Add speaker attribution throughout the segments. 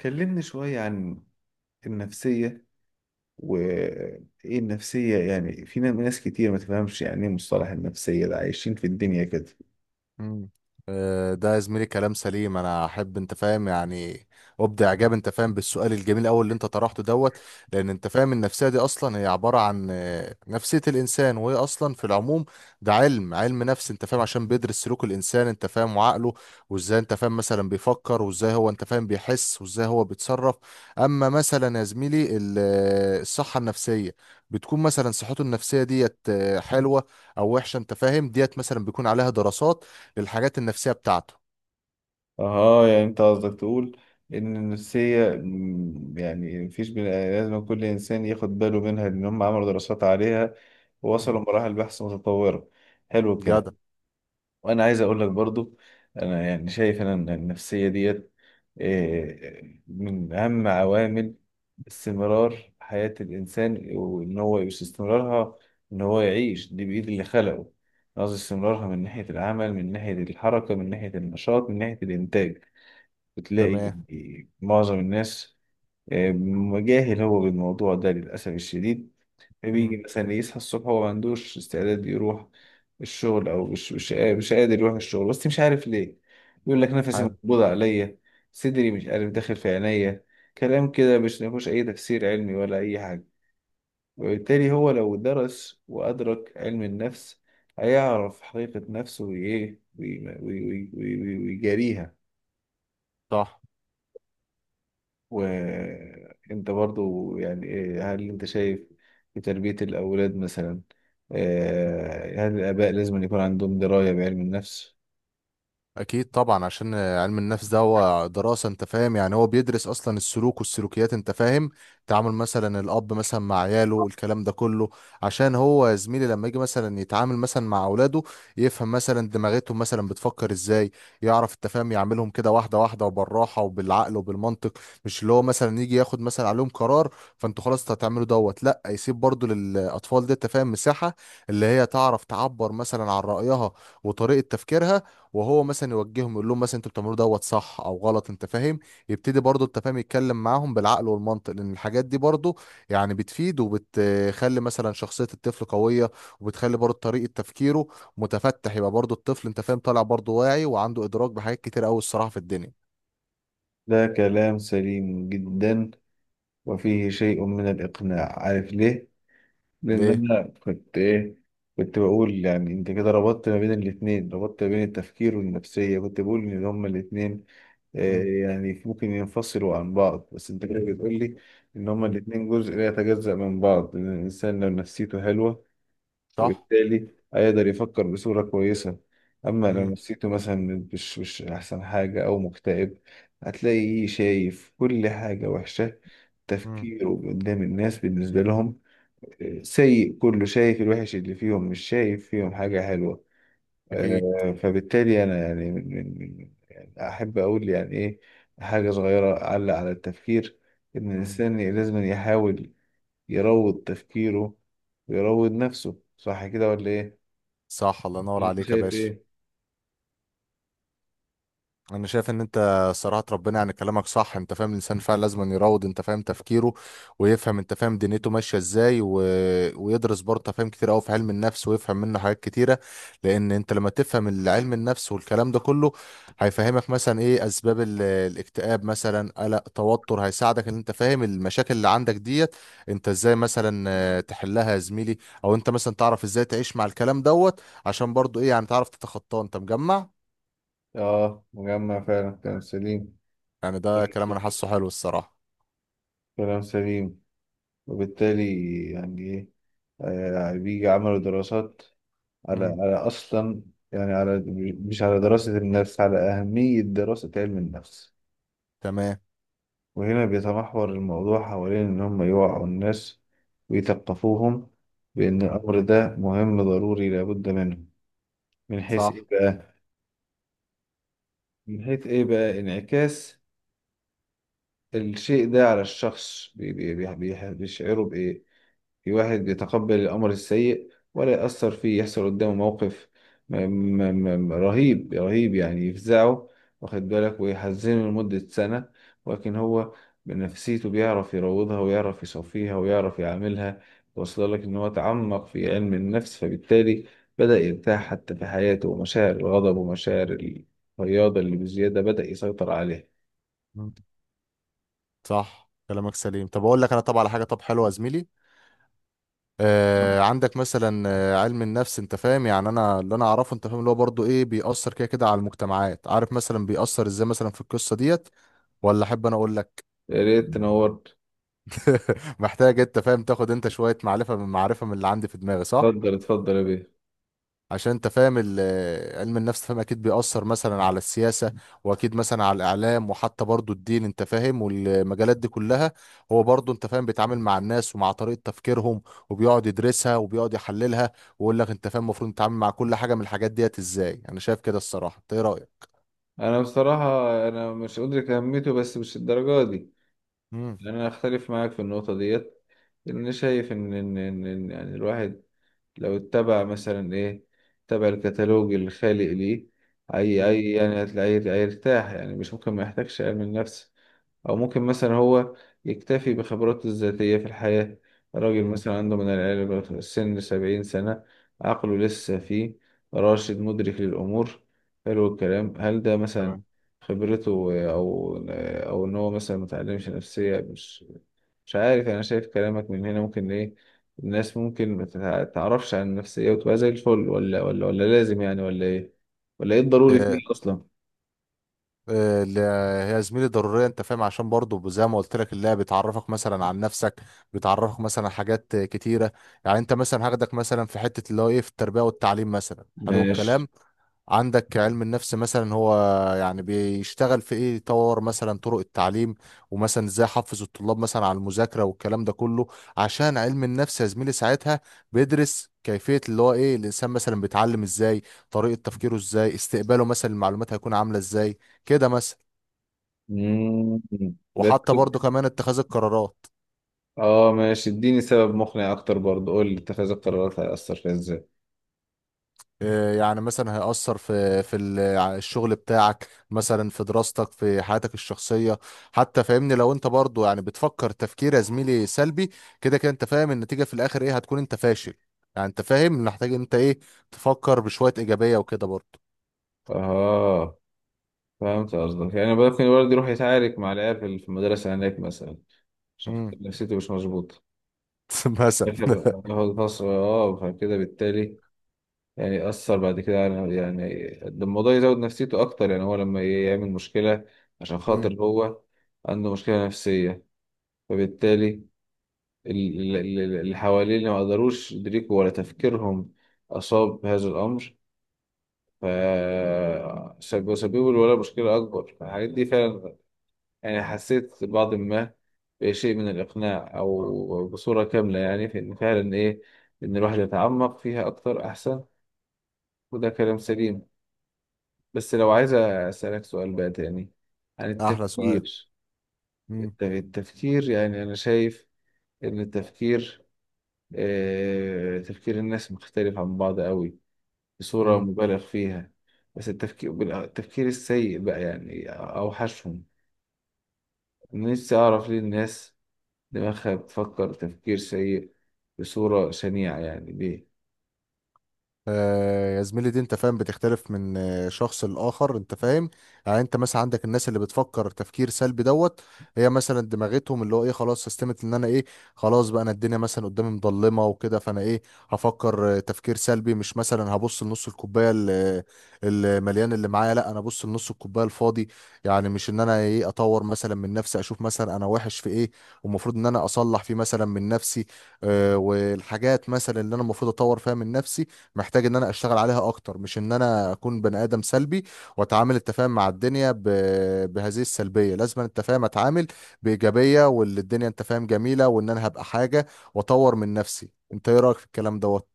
Speaker 1: كلمني شوية عن النفسية وإيه النفسية؟ يعني في ناس كتير ما تفهمش يعني إيه مصطلح النفسية ده، عايشين في الدنيا كده.
Speaker 2: مم. ده يا زميلي كلام سليم. انا احب انت فاهم، يعني ابدع اعجاب، انت فاهم، بالسؤال الجميل قوي اللي انت طرحته دوت. لان انت فاهم النفسيه دي اصلا هي عباره عن نفسيه الانسان، وهي اصلا في العموم ده علم نفس، انت فاهم، عشان بيدرس سلوك الانسان، انت فاهم، وعقله، وازاي انت فاهم مثلا بيفكر، وازاي هو انت فاهم بيحس، وازاي هو بيتصرف. اما مثلا يا زميلي الصحه النفسيه بتكون مثلا صحته النفسيه ديت حلوه او وحشه، انت فاهم ديت مثلا بيكون عليها دراسات للحاجات النفسية بتاعته.
Speaker 1: أها، يعني أنت قصدك تقول إن النفسية يعني مفيش، بني لازم كل إنسان ياخد باله منها، لأن هم عملوا دراسات عليها ووصلوا
Speaker 2: مم.
Speaker 1: مراحل بحث متطورة. حلو
Speaker 2: جدع.
Speaker 1: الكلام. وانا عايز اقول لك برضو، انا يعني شايف انا ان النفسيه ديت إيه، من اهم عوامل استمرار حياه الانسان. وان هو مش استمرارها، ان هو يعيش دي بايد اللي خلقه. أنا قصدي استمرارها من ناحيه العمل، من ناحيه الحركه، من ناحيه النشاط، من ناحيه الانتاج. بتلاقي
Speaker 2: تمام.
Speaker 1: معظم الناس إيه، مجاهل هو بالموضوع ده للاسف الشديد. بيجي
Speaker 2: مم.
Speaker 1: مثلا يصحى الصبح وما عندوش استعداد يروح الشغل، او مش قادر يروح الشغل بس مش عارف ليه. يقول لك نفسي
Speaker 2: حلو.
Speaker 1: مقبوض عليا، صدري مش عارف داخل في عينيا، كلام كده مش مفيهوش اي تفسير علمي ولا اي حاجه. وبالتالي هو لو درس وادرك علم النفس هيعرف حقيقه نفسه وايه ويجاريها.
Speaker 2: صح.
Speaker 1: وانت برضو يعني هل انت شايف في تربية الأولاد مثلا، هل الآباء لازم أن يكون عندهم دراية بعلم النفس؟
Speaker 2: اكيد طبعا، عشان علم النفس ده هو دراسه، انت فاهم، يعني هو بيدرس اصلا السلوك والسلوكيات، انت فاهم. تعامل مثلا الاب مثلا مع عياله، الكلام ده كله عشان هو يا زميلي لما يجي مثلا يتعامل مثلا مع اولاده، يفهم مثلا دماغتهم مثلا بتفكر ازاي. يعرف انت فاهم يعملهم كده واحده واحده وبالراحه وبالعقل وبالمنطق، مش اللي هو مثلا يجي ياخد مثلا عليهم قرار فانتوا خلاص هتعملوا دوت. لا، يسيب برضو للاطفال دي انت فاهم مساحه اللي هي تعرف تعبر مثلا عن رايها وطريقه تفكيرها، وهو مثلا يوجههم يقول لهم مثلا انتوا بتعملوه دوت صح او غلط، انت فاهم. يبتدي برضه انت فاهم يتكلم معاهم بالعقل والمنطق، لان الحاجات دي برضه يعني بتفيد، وبتخلي مثلا شخصية الطفل قوية، وبتخلي برضه طريقة تفكيره متفتح، يبقى برضه الطفل انت فاهم طالع برضه واعي وعنده ادراك بحاجات كتير قوي الصراحة في الدنيا.
Speaker 1: ده كلام سليم جدا، وفيه شيء من الإقناع، عارف ليه؟ لأن
Speaker 2: ليه.
Speaker 1: أنا كنت إيه، كنت بقول يعني أنت كده ربطت ما بين الاتنين، ربطت ما بين التفكير والنفسية. كنت بقول إن هما الاتنين
Speaker 2: مم.
Speaker 1: يعني ممكن ينفصلوا عن بعض، بس انت كده بتقول لي ان هما
Speaker 2: مم.
Speaker 1: الاتنين جزء لا يتجزأ من بعض، لان الانسان لو نفسيته حلوة
Speaker 2: صح.
Speaker 1: فبالتالي هيقدر يفكر بصورة كويسة. اما لو
Speaker 2: مم.
Speaker 1: نفسيته مثلا مش احسن حاجة او مكتئب، هتلاقيه شايف كل حاجة وحشة،
Speaker 2: مم.
Speaker 1: تفكيره قدام الناس بالنسبة لهم سيء، كله شايف الوحش اللي فيهم مش شايف فيهم حاجة حلوة.
Speaker 2: اكيد.
Speaker 1: فبالتالي انا يعني يعني احب اقول يعني ايه، حاجه صغيره اعلق على التفكير. ان
Speaker 2: مم.
Speaker 1: الانسان لازم يحاول يروض تفكيره ويروض نفسه، صح كده ولا ايه؟
Speaker 2: صح، الله ينور
Speaker 1: اللي انت
Speaker 2: عليك يا
Speaker 1: شايف
Speaker 2: باشا.
Speaker 1: ايه؟
Speaker 2: انا شايف ان انت صراحة، ربنا، يعني كلامك صح انت فاهم. الانسان فعلا لازم أن يروض انت فاهم تفكيره، ويفهم انت فاهم دنيته ماشية ازاي، ويدرس برضه أنت فاهم كتير قوي في علم النفس، ويفهم منه حاجات كتيرة. لان انت لما تفهم العلم النفس والكلام ده كله، هيفهمك مثلا ايه اسباب الاكتئاب مثلا، قلق، توتر. هيساعدك ان انت فاهم المشاكل اللي عندك ديت انت ازاي مثلا تحلها يا زميلي. او انت مثلا تعرف ازاي تعيش مع الكلام دوت، عشان برضه ايه يعني تعرف تتخطاه، انت مجمع.
Speaker 1: اه مجمع فعلا، كلام سليم،
Speaker 2: يعني ده
Speaker 1: كلام
Speaker 2: كلام انا
Speaker 1: سليم،
Speaker 2: حاسه حلو الصراحة.
Speaker 1: كلام سليم. وبالتالي يعني ايه، بيجي عملوا دراسات على
Speaker 2: مم.
Speaker 1: على اصلا يعني على، مش على دراسه النفس، على اهميه دراسه علم النفس.
Speaker 2: تمام.
Speaker 1: وهنا بيتمحور الموضوع حوالين إن هم يوعوا الناس ويثقفوهم بأن
Speaker 2: مم.
Speaker 1: الأمر ده مهم ضروري لابد منه. من حيث إيه
Speaker 2: صح.
Speaker 1: بقى؟ من حيث إيه بقى؟ انعكاس الشيء ده على الشخص، بيشعره بإيه؟ في واحد بيتقبل الأمر السيء ولا يأثر فيه، يحصل قدامه موقف م- رهيب رهيب يعني، يفزعه واخد بالك ويحزنه لمدة سنة، ولكن هو بنفسيته بيعرف يروضها ويعرف يصفيها ويعرف يعاملها. وصل لك إن هو تعمق في علم النفس فبالتالي بدأ يرتاح حتى في حياته، ومشاعر الغضب ومشاعر الرياضة اللي بزيادة بدأ يسيطر عليها.
Speaker 2: مم. صح كلامك سليم. طب اقول لك انا، طب على حاجه، طب حلوه يا زميلي. عندك مثلا علم النفس، انت فاهم، يعني انا اللي انا اعرفه، انت فاهم، اللي هو برضه ايه بيأثر كده كده على المجتمعات، عارف مثلا بيأثر ازاي مثلا في القصه ديت، ولا احب انا اقول لك؟
Speaker 1: يا ريت تنورت.
Speaker 2: محتاج انت فاهم تاخد انت شويه معرفه من اللي عندي في دماغي، صح.
Speaker 1: اتفضل اتفضل يا بيه.
Speaker 2: عشان انت فاهم علم النفس، فاهم، اكيد بيأثر مثلا على السياسة، واكيد مثلا على الاعلام، وحتى برضو الدين، انت فاهم، والمجالات دي كلها. هو برضو انت فاهم بيتعامل مع الناس ومع طريقة تفكيرهم، وبيقعد يدرسها وبيقعد يحللها، ويقول لك انت فاهم المفروض تتعامل مع كل حاجة من الحاجات ديت ازاي. انا شايف كده الصراحة، انت ايه رأيك؟
Speaker 1: انا بصراحة انا مش أدرك اهميته بس مش الدرجة دي.
Speaker 2: مم.
Speaker 1: يعني انا اختلف معاك في النقطة ديت، لان انا شايف ان ان ان إن يعني الواحد لو اتبع مثلا ايه، اتبع الكتالوج الخالق ليه، اي
Speaker 2: مم.
Speaker 1: اي يعني هتلاقيه هيرتاح، يعني مش ممكن ما يحتاجش علم النفس. أو ممكن مثلا هو يكتفي بخبراته الذاتية في الحياة، راجل
Speaker 2: مم.
Speaker 1: مثلا عنده من العلم سن 70 سنة، عقله لسه فيه راشد مدرك للأمور، حلو الكلام. هل ده مثلا خبرته، أو أو إن هو مثلا متعلمش نفسية؟ مش عارف، أنا شايف كلامك من هنا ممكن إيه، الناس ممكن ما تعرفش عن النفسية وتبقى زي الفل، ولا لازم يعني، ولا إيه؟ ولا إيه الضروري
Speaker 2: تمام.
Speaker 1: فيه أصلا؟
Speaker 2: اللي هي زميلي ضرورية، انت فاهم، عشان برضو زي ما قلت لك، اللعبة بتعرفك مثلا عن نفسك، بتعرفك مثلا حاجات كتيرة. يعني انت مثلا هاخدك مثلا في حتة اللي هو ايه في التربية والتعليم مثلا. حلو
Speaker 1: ماشي.
Speaker 2: الكلام، عندك علم النفس مثلا هو يعني بيشتغل في ايه، يطور مثلا طرق التعليم، ومثلا ازاي احفز الطلاب مثلا على المذاكره والكلام ده كله. عشان علم النفس يا زميلي ساعتها بيدرس كيفيه اللي هو ايه الانسان مثلا بيتعلم ازاي، طريقه تفكيره ازاي، استقباله مثلا المعلومات هيكون عامله ازاي، كده مثلا.
Speaker 1: مم. بس
Speaker 2: وحتى برضه كمان اتخاذ القرارات.
Speaker 1: اه ماشي، اديني سبب مقنع اكتر برضه، قول لي اتخاذ القرارات هيأثر فيها ازاي؟
Speaker 2: يعني مثلا هيأثر في الشغل بتاعك، مثلا في دراستك، في حياتك الشخصية حتى، فاهمني. لو انت برضو يعني بتفكر تفكير يا زميلي سلبي كده كده، انت فاهم النتيجة في الاخر ايه هتكون؟ انت فاشل. يعني انت فاهم محتاج انت ايه، تفكر بشوية ايجابية وكده برضو.
Speaker 1: اه فهمت قصدك. يعني ممكن الولد يروح يتعارك مع العيال في في المدرسة هناك مثلا، عشان خاطر
Speaker 2: امم
Speaker 1: نفسيته مش مظبوطة،
Speaker 2: مثلا
Speaker 1: ياخد ياخد فصل اه، فكده بالتالي يعني يأثر بعد كده على، يعني ده الموضوع يزود نفسيته أكتر. يعني هو لما يعمل مشكلة عشان خاطر
Speaker 2: امم
Speaker 1: هو عنده مشكلة نفسية، فبالتالي اللي حواليه اللي ما قدروش يدركوا ولا تفكيرهم أصاب بهذا الأمر، ف سببوا الولد مشكلة أكبر. الحاجات دي فعلا يعني حسيت بعض ما، بشيء من الإقناع أو بصورة كاملة، يعني في إن فعلا إيه، إن الواحد يتعمق فيها أكتر أحسن، وده كلام سليم. بس لو عايز أسألك سؤال بقى تاني عن
Speaker 2: احلى سؤال.
Speaker 1: التفكير. التفكير يعني أنا شايف إن التفكير تفكير الناس مختلف عن بعض قوي، بصورة
Speaker 2: امم
Speaker 1: مبالغ فيها. بس التفكير التفكير السيء بقى، يعني أوحشهم. أنا نفسي أعرف ليه الناس دماغها بتفكر تفكير سيء بصورة شنيعة، يعني ليه؟
Speaker 2: يا زميلي دي انت فاهم بتختلف من شخص لآخر، انت فاهم. يعني انت مثلا عندك الناس اللي بتفكر تفكير سلبي دوت، هي مثلا دماغتهم اللي هو ايه خلاص سيستمت ان انا ايه، خلاص بقى انا الدنيا مثلا قدامي مظلمة وكده، فانا ايه، هفكر تفكير سلبي. مش مثلا هبص لنص الكوباية المليان اللي معايا، لا انا ابص لنص الكوباية الفاضي. يعني مش ان انا ايه، اطور مثلا من نفسي، اشوف مثلا انا وحش في ايه والمفروض ان انا اصلح فيه مثلا من نفسي. والحاجات مثلا اللي انا المفروض اطور فيها من نفسي، محتاج ان انا اشتغل عليها اكتر، مش ان انا اكون بني ادم سلبي واتعامل التفاهم مع الدنيا بهذه السلبيه. لازم أن التفاهم اتعامل بايجابيه، واللي الدنيا انت فاهم جميله، وان انا هبقى حاجه واطور من نفسي. انت ايه رايك في الكلام دوت؟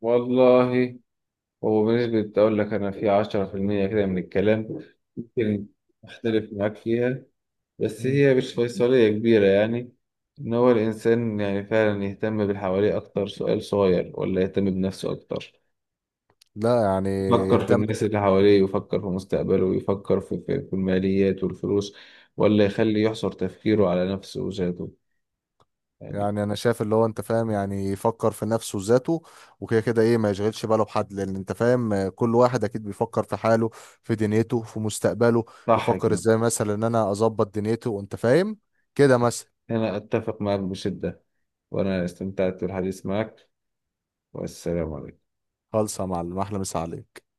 Speaker 1: والله، هو بنسبة أقول لك أنا في 10% كده من الكلام ممكن أختلف معاك فيها، بس
Speaker 2: مم.
Speaker 1: هي مش فيصلية كبيرة. يعني إن هو الإنسان يعني فعلا يهتم بالحواليه أكتر، سؤال صغير، ولا يهتم بنفسه أكتر؟
Speaker 2: لا يعني.
Speaker 1: يفكر في
Speaker 2: يهتم.
Speaker 1: الناس اللي حواليه، ويفكر في مستقبله، ويفكر في الماليات والفلوس، ولا يخلي يحصر تفكيره على نفسه وذاته يعني؟
Speaker 2: يعني انا شايف اللي هو انت فاهم، يعني يفكر في نفسه وذاته، وكده كده ايه ما يشغلش باله بحد، لان انت فاهم كل واحد اكيد بيفكر في حاله، في دنيته، في مستقبله.
Speaker 1: صح
Speaker 2: يفكر
Speaker 1: كده.
Speaker 2: ازاي مثلا ان انا اظبط دنيته، وانت فاهم كده مثلا.
Speaker 1: أنا أتفق معك بشدة، وأنا استمتعت بالحديث معك، والسلام عليكم.
Speaker 2: خالصة يا معلم، أحلى مسا عليك.